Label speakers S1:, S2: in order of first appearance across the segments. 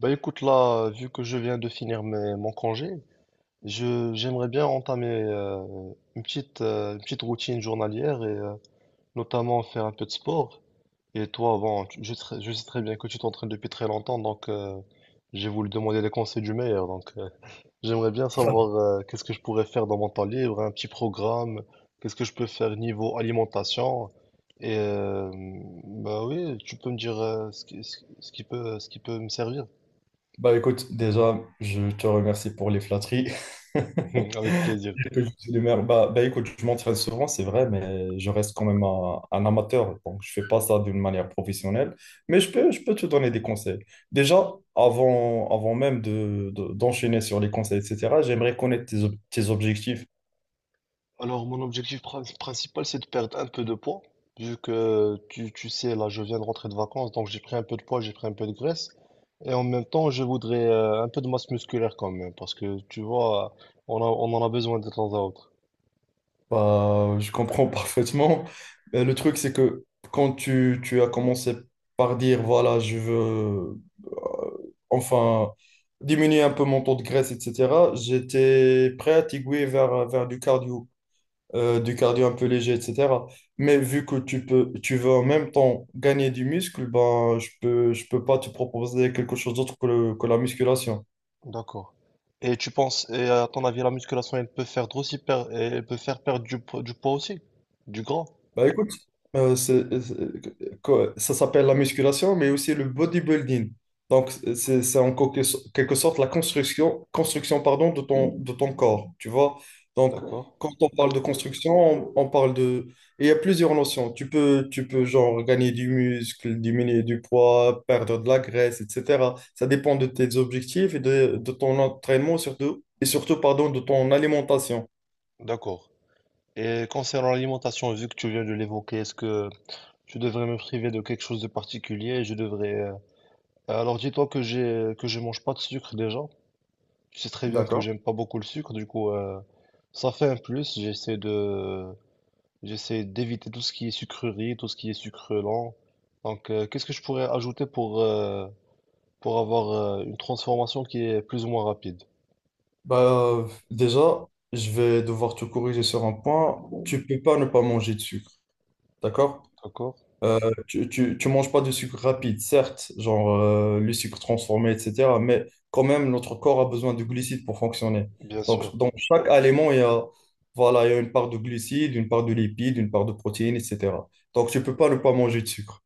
S1: Bah écoute là, vu que je viens de finir mon congé, je j'aimerais bien entamer une petite routine journalière et notamment faire un peu de sport. Et toi, bon, je sais très bien que tu t'entraînes depuis très longtemps, donc j'ai voulu demander les conseils du meilleur. Donc j'aimerais bien savoir qu'est-ce que je pourrais faire dans mon temps libre, un petit programme, qu'est-ce que je peux faire niveau alimentation. Et bah oui, tu peux me dire ce qui, ce qui ce qui peut me servir.
S2: Bah écoute, déjà, je te remercie pour les flatteries.
S1: Avec plaisir.
S2: Que je suis d'humeur. Bah écoute, je m'entraîne souvent, c'est vrai, mais je reste quand même un amateur. Donc, je fais pas ça d'une manière professionnelle. Mais je peux te donner des conseils. Déjà, avant même d'enchaîner sur les conseils, etc., j'aimerais connaître tes objectifs.
S1: Alors, mon objectif principal, c'est de perdre un peu de poids. Vu que tu sais, là, je viens de rentrer de vacances, donc j'ai pris un peu de poids, j'ai pris un peu de graisse. Et en même temps, je voudrais un peu de masse musculaire quand même, parce que tu vois, on en a besoin de temps à autre.
S2: Bah, je comprends parfaitement. Le truc, c'est que quand tu as commencé par dire, voilà, je veux, euh, enfin, diminuer un peu mon taux de graisse, etc., j'étais prêt à t'aiguiller vers du cardio, du cardio un peu léger, etc. Mais vu que tu peux, tu veux en même temps gagner du muscle, ben, je peux pas te proposer quelque chose d'autre que la musculation.
S1: D'accord. Et tu penses, et à ton avis, la musculation, elle peut faire elle peut faire perdre du poids aussi? Du gras?
S2: Bah écoute, ça s'appelle la musculation, mais aussi le bodybuilding. Donc, c'est en quelque sorte la construction, construction pardon, de ton corps, tu vois. Donc,
S1: D'accord.
S2: quand on parle de construction, on parle de… Et il y a plusieurs notions. Tu peux, genre, gagner du muscle, diminuer du poids, perdre de la graisse, etc. Ça dépend de tes objectifs et de ton entraînement, surtout, et surtout, pardon, de ton alimentation.
S1: D'accord. Et concernant l'alimentation, vu que tu viens de l'évoquer, est-ce que je devrais me priver de quelque chose de particulier? Je devrais. Alors dis-toi que j'ai que je mange pas de sucre déjà. Tu sais très bien que
S2: D'accord.
S1: j'aime pas beaucoup le sucre, du coup ça fait un plus. J'essaie d'éviter tout ce qui est sucrerie, tout ce qui est sucre lent. Donc qu'est-ce que je pourrais ajouter pour avoir une transformation qui est plus ou moins rapide?
S2: Bah, déjà, je vais devoir te corriger sur un point. Tu peux pas ne pas manger de sucre, d'accord?
S1: D'accord.
S2: Euh, tu manges pas de sucre rapide, certes, genre, le sucre transformé, etc. Mais quand même, notre corps a besoin de glucides pour fonctionner.
S1: Bien
S2: Donc,
S1: sûr.
S2: dans chaque aliment, il y a, voilà, il y a une part de glucides, une part de lipides, une part de protéines, etc. Donc, tu peux pas ne pas manger de sucre.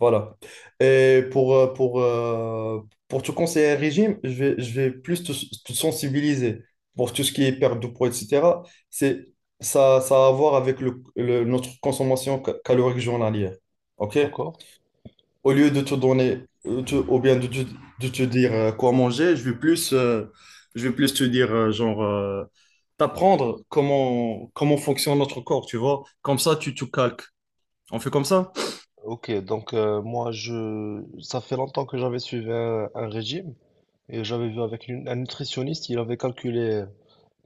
S2: Voilà. Et pour te conseiller un régime, je vais plus te sensibiliser pour tout ce qui est perte de poids, etc. C'est, ça a à voir avec notre consommation calorique journalière. OK?
S1: D'accord.
S2: Au lieu de te donner, ou bien de te dire, quoi manger, je vais plus te dire, genre, t'apprendre comment fonctionne notre corps, tu vois? Comme ça, tu te calques. On fait comme ça?
S1: Ok, donc moi je ça fait longtemps que j'avais suivi un régime et j'avais vu avec un nutritionniste, il avait calculé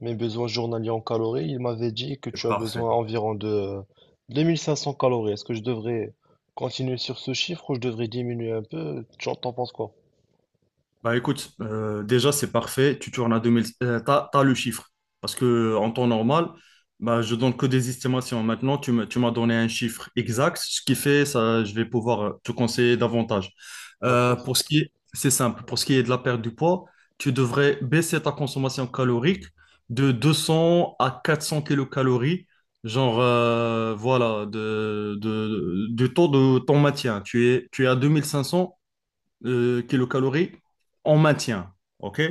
S1: mes besoins journaliers en calories, il m'avait dit que tu as
S2: Parfait.
S1: besoin environ de 2500 calories. Est-ce que je devrais continuer sur ce chiffre ou je devrais diminuer un peu? Tu en T'en penses quoi?
S2: Bah écoute, déjà c'est parfait, tu tournes à 2000, t'as le chiffre. Parce que, en temps normal, bah, je donne que des estimations. Maintenant, tu m'as donné un chiffre exact, ce qui fait ça, je vais pouvoir, te conseiller davantage. Euh,
S1: D'accord.
S2: pour ce qui est, c'est simple, pour ce qui est de la perte du poids, tu devrais baisser ta consommation calorique de 200 à 400 kilocalories, genre, voilà, du taux de ton maintien. Tu es à 2500, kilocalories en maintien. OK?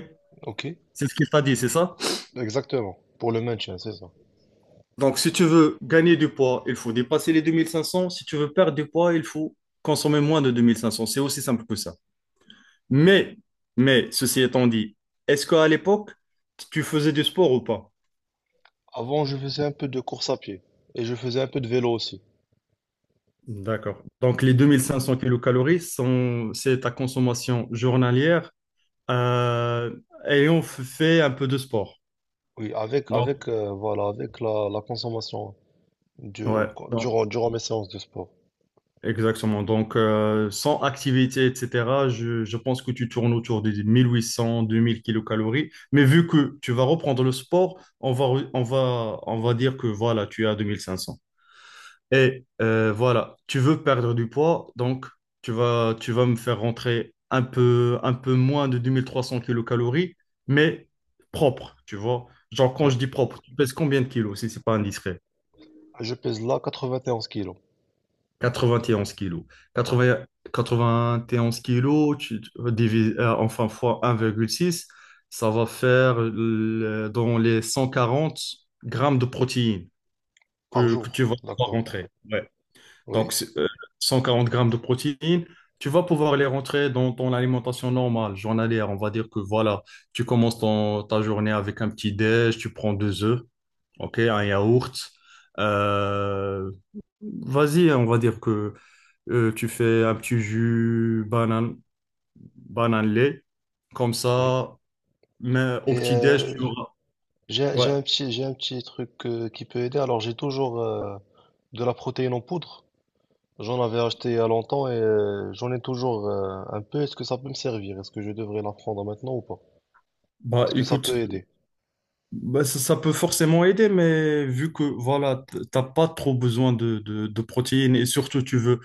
S1: Ok.
S2: C'est ce qu'il t'a dit, c'est ça?
S1: Exactement. Pour le maintien, c'est ça.
S2: Donc, si tu veux gagner du poids, il faut dépasser les 2500. Si tu veux perdre du poids, il faut consommer moins de 2500. C'est aussi simple que ça. Mais, mais ceci étant dit, est-ce qu'à l'époque, tu faisais du sport ou pas?
S1: Avant, je faisais un peu de course à pied et je faisais un peu de vélo aussi.
S2: D'accord. Donc, les 2500 kilocalories sont, c'est ta consommation journalière, euh, ayant fait un peu de sport.
S1: Oui,
S2: Donc,
S1: voilà, avec la consommation du-
S2: ouais. Donc,
S1: durant mes séances de sport.
S2: exactement. Donc, sans activité, etc., je pense que tu tournes autour des 1800, 2000 kilocalories. Mais vu que tu vas reprendre le sport, on va dire que voilà, tu es à 2500. Et, voilà, tu veux perdre du poids, donc tu vas me faire rentrer un peu moins de 2300 kilocalories, mais propre, tu vois. Genre, quand
S1: Oui.
S2: je dis propre, tu pèses combien de kilos si c'est pas indiscret?
S1: Je pèse là 91 kilos
S2: 91 kilos. 80, 91 kilos, fois 1,6, ça va faire, dans les 140 grammes de protéines
S1: par
S2: que tu
S1: jour.
S2: vas pouvoir
S1: D'accord.
S2: rentrer. Ouais.
S1: Oui,
S2: Donc, c'est, 140 grammes de protéines, tu vas pouvoir les rentrer dans ton alimentation normale, journalière. On va dire que voilà, tu commences ta journée avec un petit déj, tu prends deux œufs, ok, un yaourt. Euh, vas-y, on va dire que, tu fais un petit jus banane, banane lait. Comme
S1: oui.
S2: ça, mais au
S1: Et
S2: petit-déj, tu auras. Ouais.
S1: J'ai un petit truc qui peut aider. Alors, j'ai toujours de la protéine en poudre. J'en avais acheté il y a longtemps et j'en ai toujours un peu. Est-ce que ça peut me servir? Est-ce que je devrais la prendre maintenant ou pas?
S2: Bah
S1: Est-ce que ça peut
S2: écoute,
S1: aider?
S2: bah, ça peut forcément aider, mais vu que voilà, t'as pas trop besoin de protéines et surtout tu veux,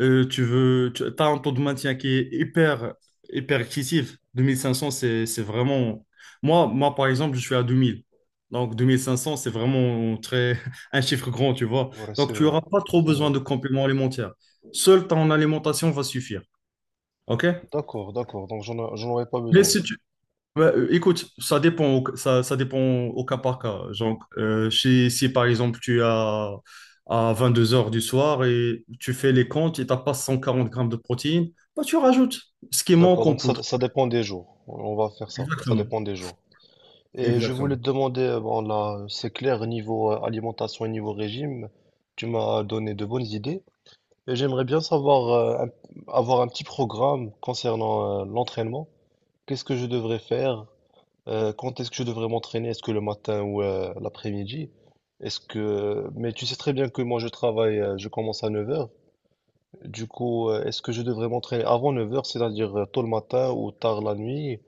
S2: tu veux, tu as un taux de maintien qui est hyper, hyper excessif. 2500, c'est vraiment. Moi, par exemple, je suis à 2000. Donc, 2500, c'est vraiment très, un chiffre grand, tu vois.
S1: Ouais, c'est
S2: Donc, tu
S1: vrai.
S2: n'auras pas trop
S1: C'est vrai.
S2: besoin de compléments alimentaires. Seul ton alimentation va suffire. OK?
S1: D'accord, d'accord. Donc, j'en aurais pas
S2: Mais
S1: besoin.
S2: si. Ouais, écoute, ça dépend, ça dépend au cas par cas. Genre, si par exemple tu as à 22 heures du soir et tu fais les comptes et tu n'as pas 140 grammes de protéines, bah, tu rajoutes ce qui manque
S1: D'accord,
S2: en
S1: donc
S2: poudre.
S1: ça dépend des jours. On va faire ça. Ça
S2: Exactement.
S1: dépend des jours. Et je voulais te
S2: Exactement.
S1: demander, bon là, c'est clair, niveau alimentation et niveau régime, tu m'as donné de bonnes idées. Et j'aimerais bien savoir, avoir un petit programme concernant l'entraînement. Qu'est-ce que je devrais faire? Quand est-ce que je devrais m'entraîner? Est-ce que le matin ou l'après-midi? Est-ce que... Mais tu sais très bien que moi je travaille, je commence à 9 heures. Du coup, est-ce que je devrais m'entraîner avant 9 heures, cest c'est-à-dire tôt le matin ou tard la nuit?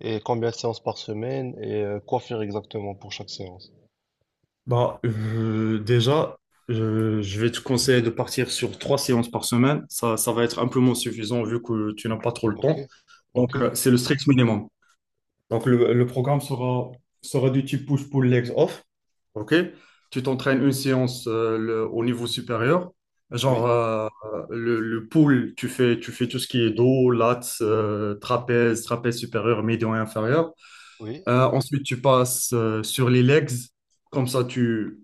S1: Et combien de séances par semaine? Et quoi faire exactement pour chaque séance?
S2: Bah, déjà, je vais te conseiller de partir sur trois séances par semaine. Ça va être amplement suffisant vu que tu n'as pas trop le
S1: Ok.
S2: temps.
S1: Ok.
S2: Donc, c'est le strict minimum. Donc, le programme sera du type push-pull legs off. OK? Tu t'entraînes une séance, au niveau supérieur. Genre,
S1: Oui.
S2: le pull, tu fais tout ce qui est dos, lats, trapèze, trapèze supérieur, médian et inférieur.
S1: Oui.
S2: Ensuite, tu passes, sur les legs. Comme ça, tu,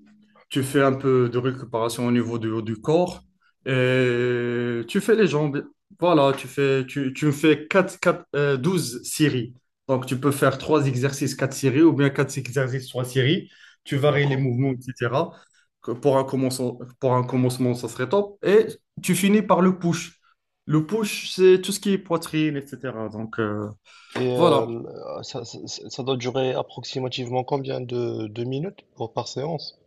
S2: tu fais un peu de récupération au niveau du corps. Et tu fais les jambes. Voilà, tu fais 4 4 12 séries. Donc, tu peux faire 3 exercices, 4 séries, ou bien 4 exercices, 3 séries. Tu varies les
S1: D'accord.
S2: mouvements, etc. Que Pour un commencement, ça serait top. Et tu finis par le push. Le push, c'est tout ce qui est poitrine, etc. Donc,
S1: Et
S2: voilà.
S1: ça doit durer approximativement combien de minutes pour, par séance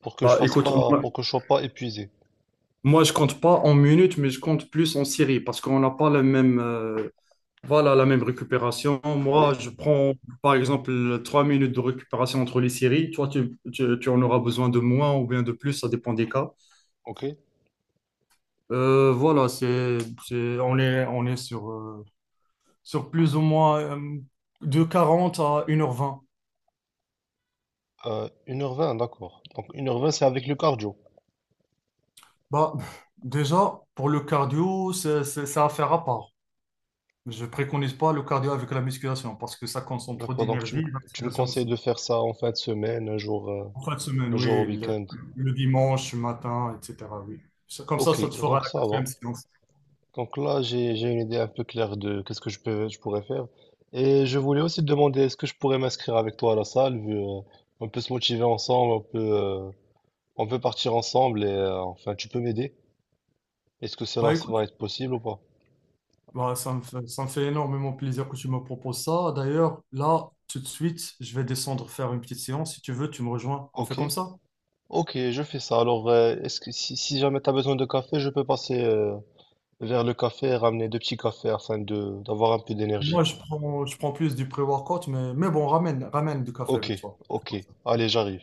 S1: pour que je
S2: Bah,
S1: fasse
S2: écoute,
S1: pas pour que je sois pas épuisé.
S2: moi, je compte pas en minutes, mais je compte plus en séries parce qu'on n'a pas la même, voilà, la même récupération.
S1: Oui,
S2: Moi, je prends par exemple 3 minutes de récupération entre les séries. Toi, tu en auras besoin de moins ou bien de plus, ça dépend des cas.
S1: ok.
S2: Voilà, on est sur plus ou moins, de 40 à 1h20.
S1: 1h20, d'accord. Donc une heure vingt, c'est avec le cardio.
S2: Bah, déjà, pour le cardio, c'est affaire à part. Je préconise pas le cardio avec la musculation parce que ça consomme trop
S1: D'accord,
S2: d'énergie, et la
S1: tu me
S2: musculation
S1: conseilles
S2: aussi.
S1: de faire ça en fin de semaine,
S2: En fin de semaine,
S1: un jour au
S2: oui, le,
S1: week-end.
S2: le dimanche matin, etc. Oui. Comme ça,
S1: Ok,
S2: ça te fera
S1: donc
S2: la
S1: ça va.
S2: quatrième séance.
S1: Donc là j'ai une idée un peu claire de qu'est-ce que je pourrais faire. Et je voulais aussi te demander est-ce que je pourrais m'inscrire avec toi à la salle vu on peut se motiver ensemble, on peut on peut partir ensemble et enfin tu peux m'aider. Est-ce que cela
S2: Bah écoute,
S1: va être possible ou pas?
S2: bah, ça me fait énormément plaisir que tu me proposes ça. D'ailleurs, là, tout de suite, je vais descendre faire une petite séance. Si tu veux, tu me rejoins. On fait
S1: Ok,
S2: comme ça.
S1: ok, je fais ça. Alors est-ce que si jamais tu as besoin de café, je peux passer vers le café et ramener deux petits cafés afin de d'avoir un peu d'énergie.
S2: Moi, je prends plus du pré-workout, mais, bon, ramène du café
S1: Ok,
S2: avec toi.
S1: ok, allez, j'arrive.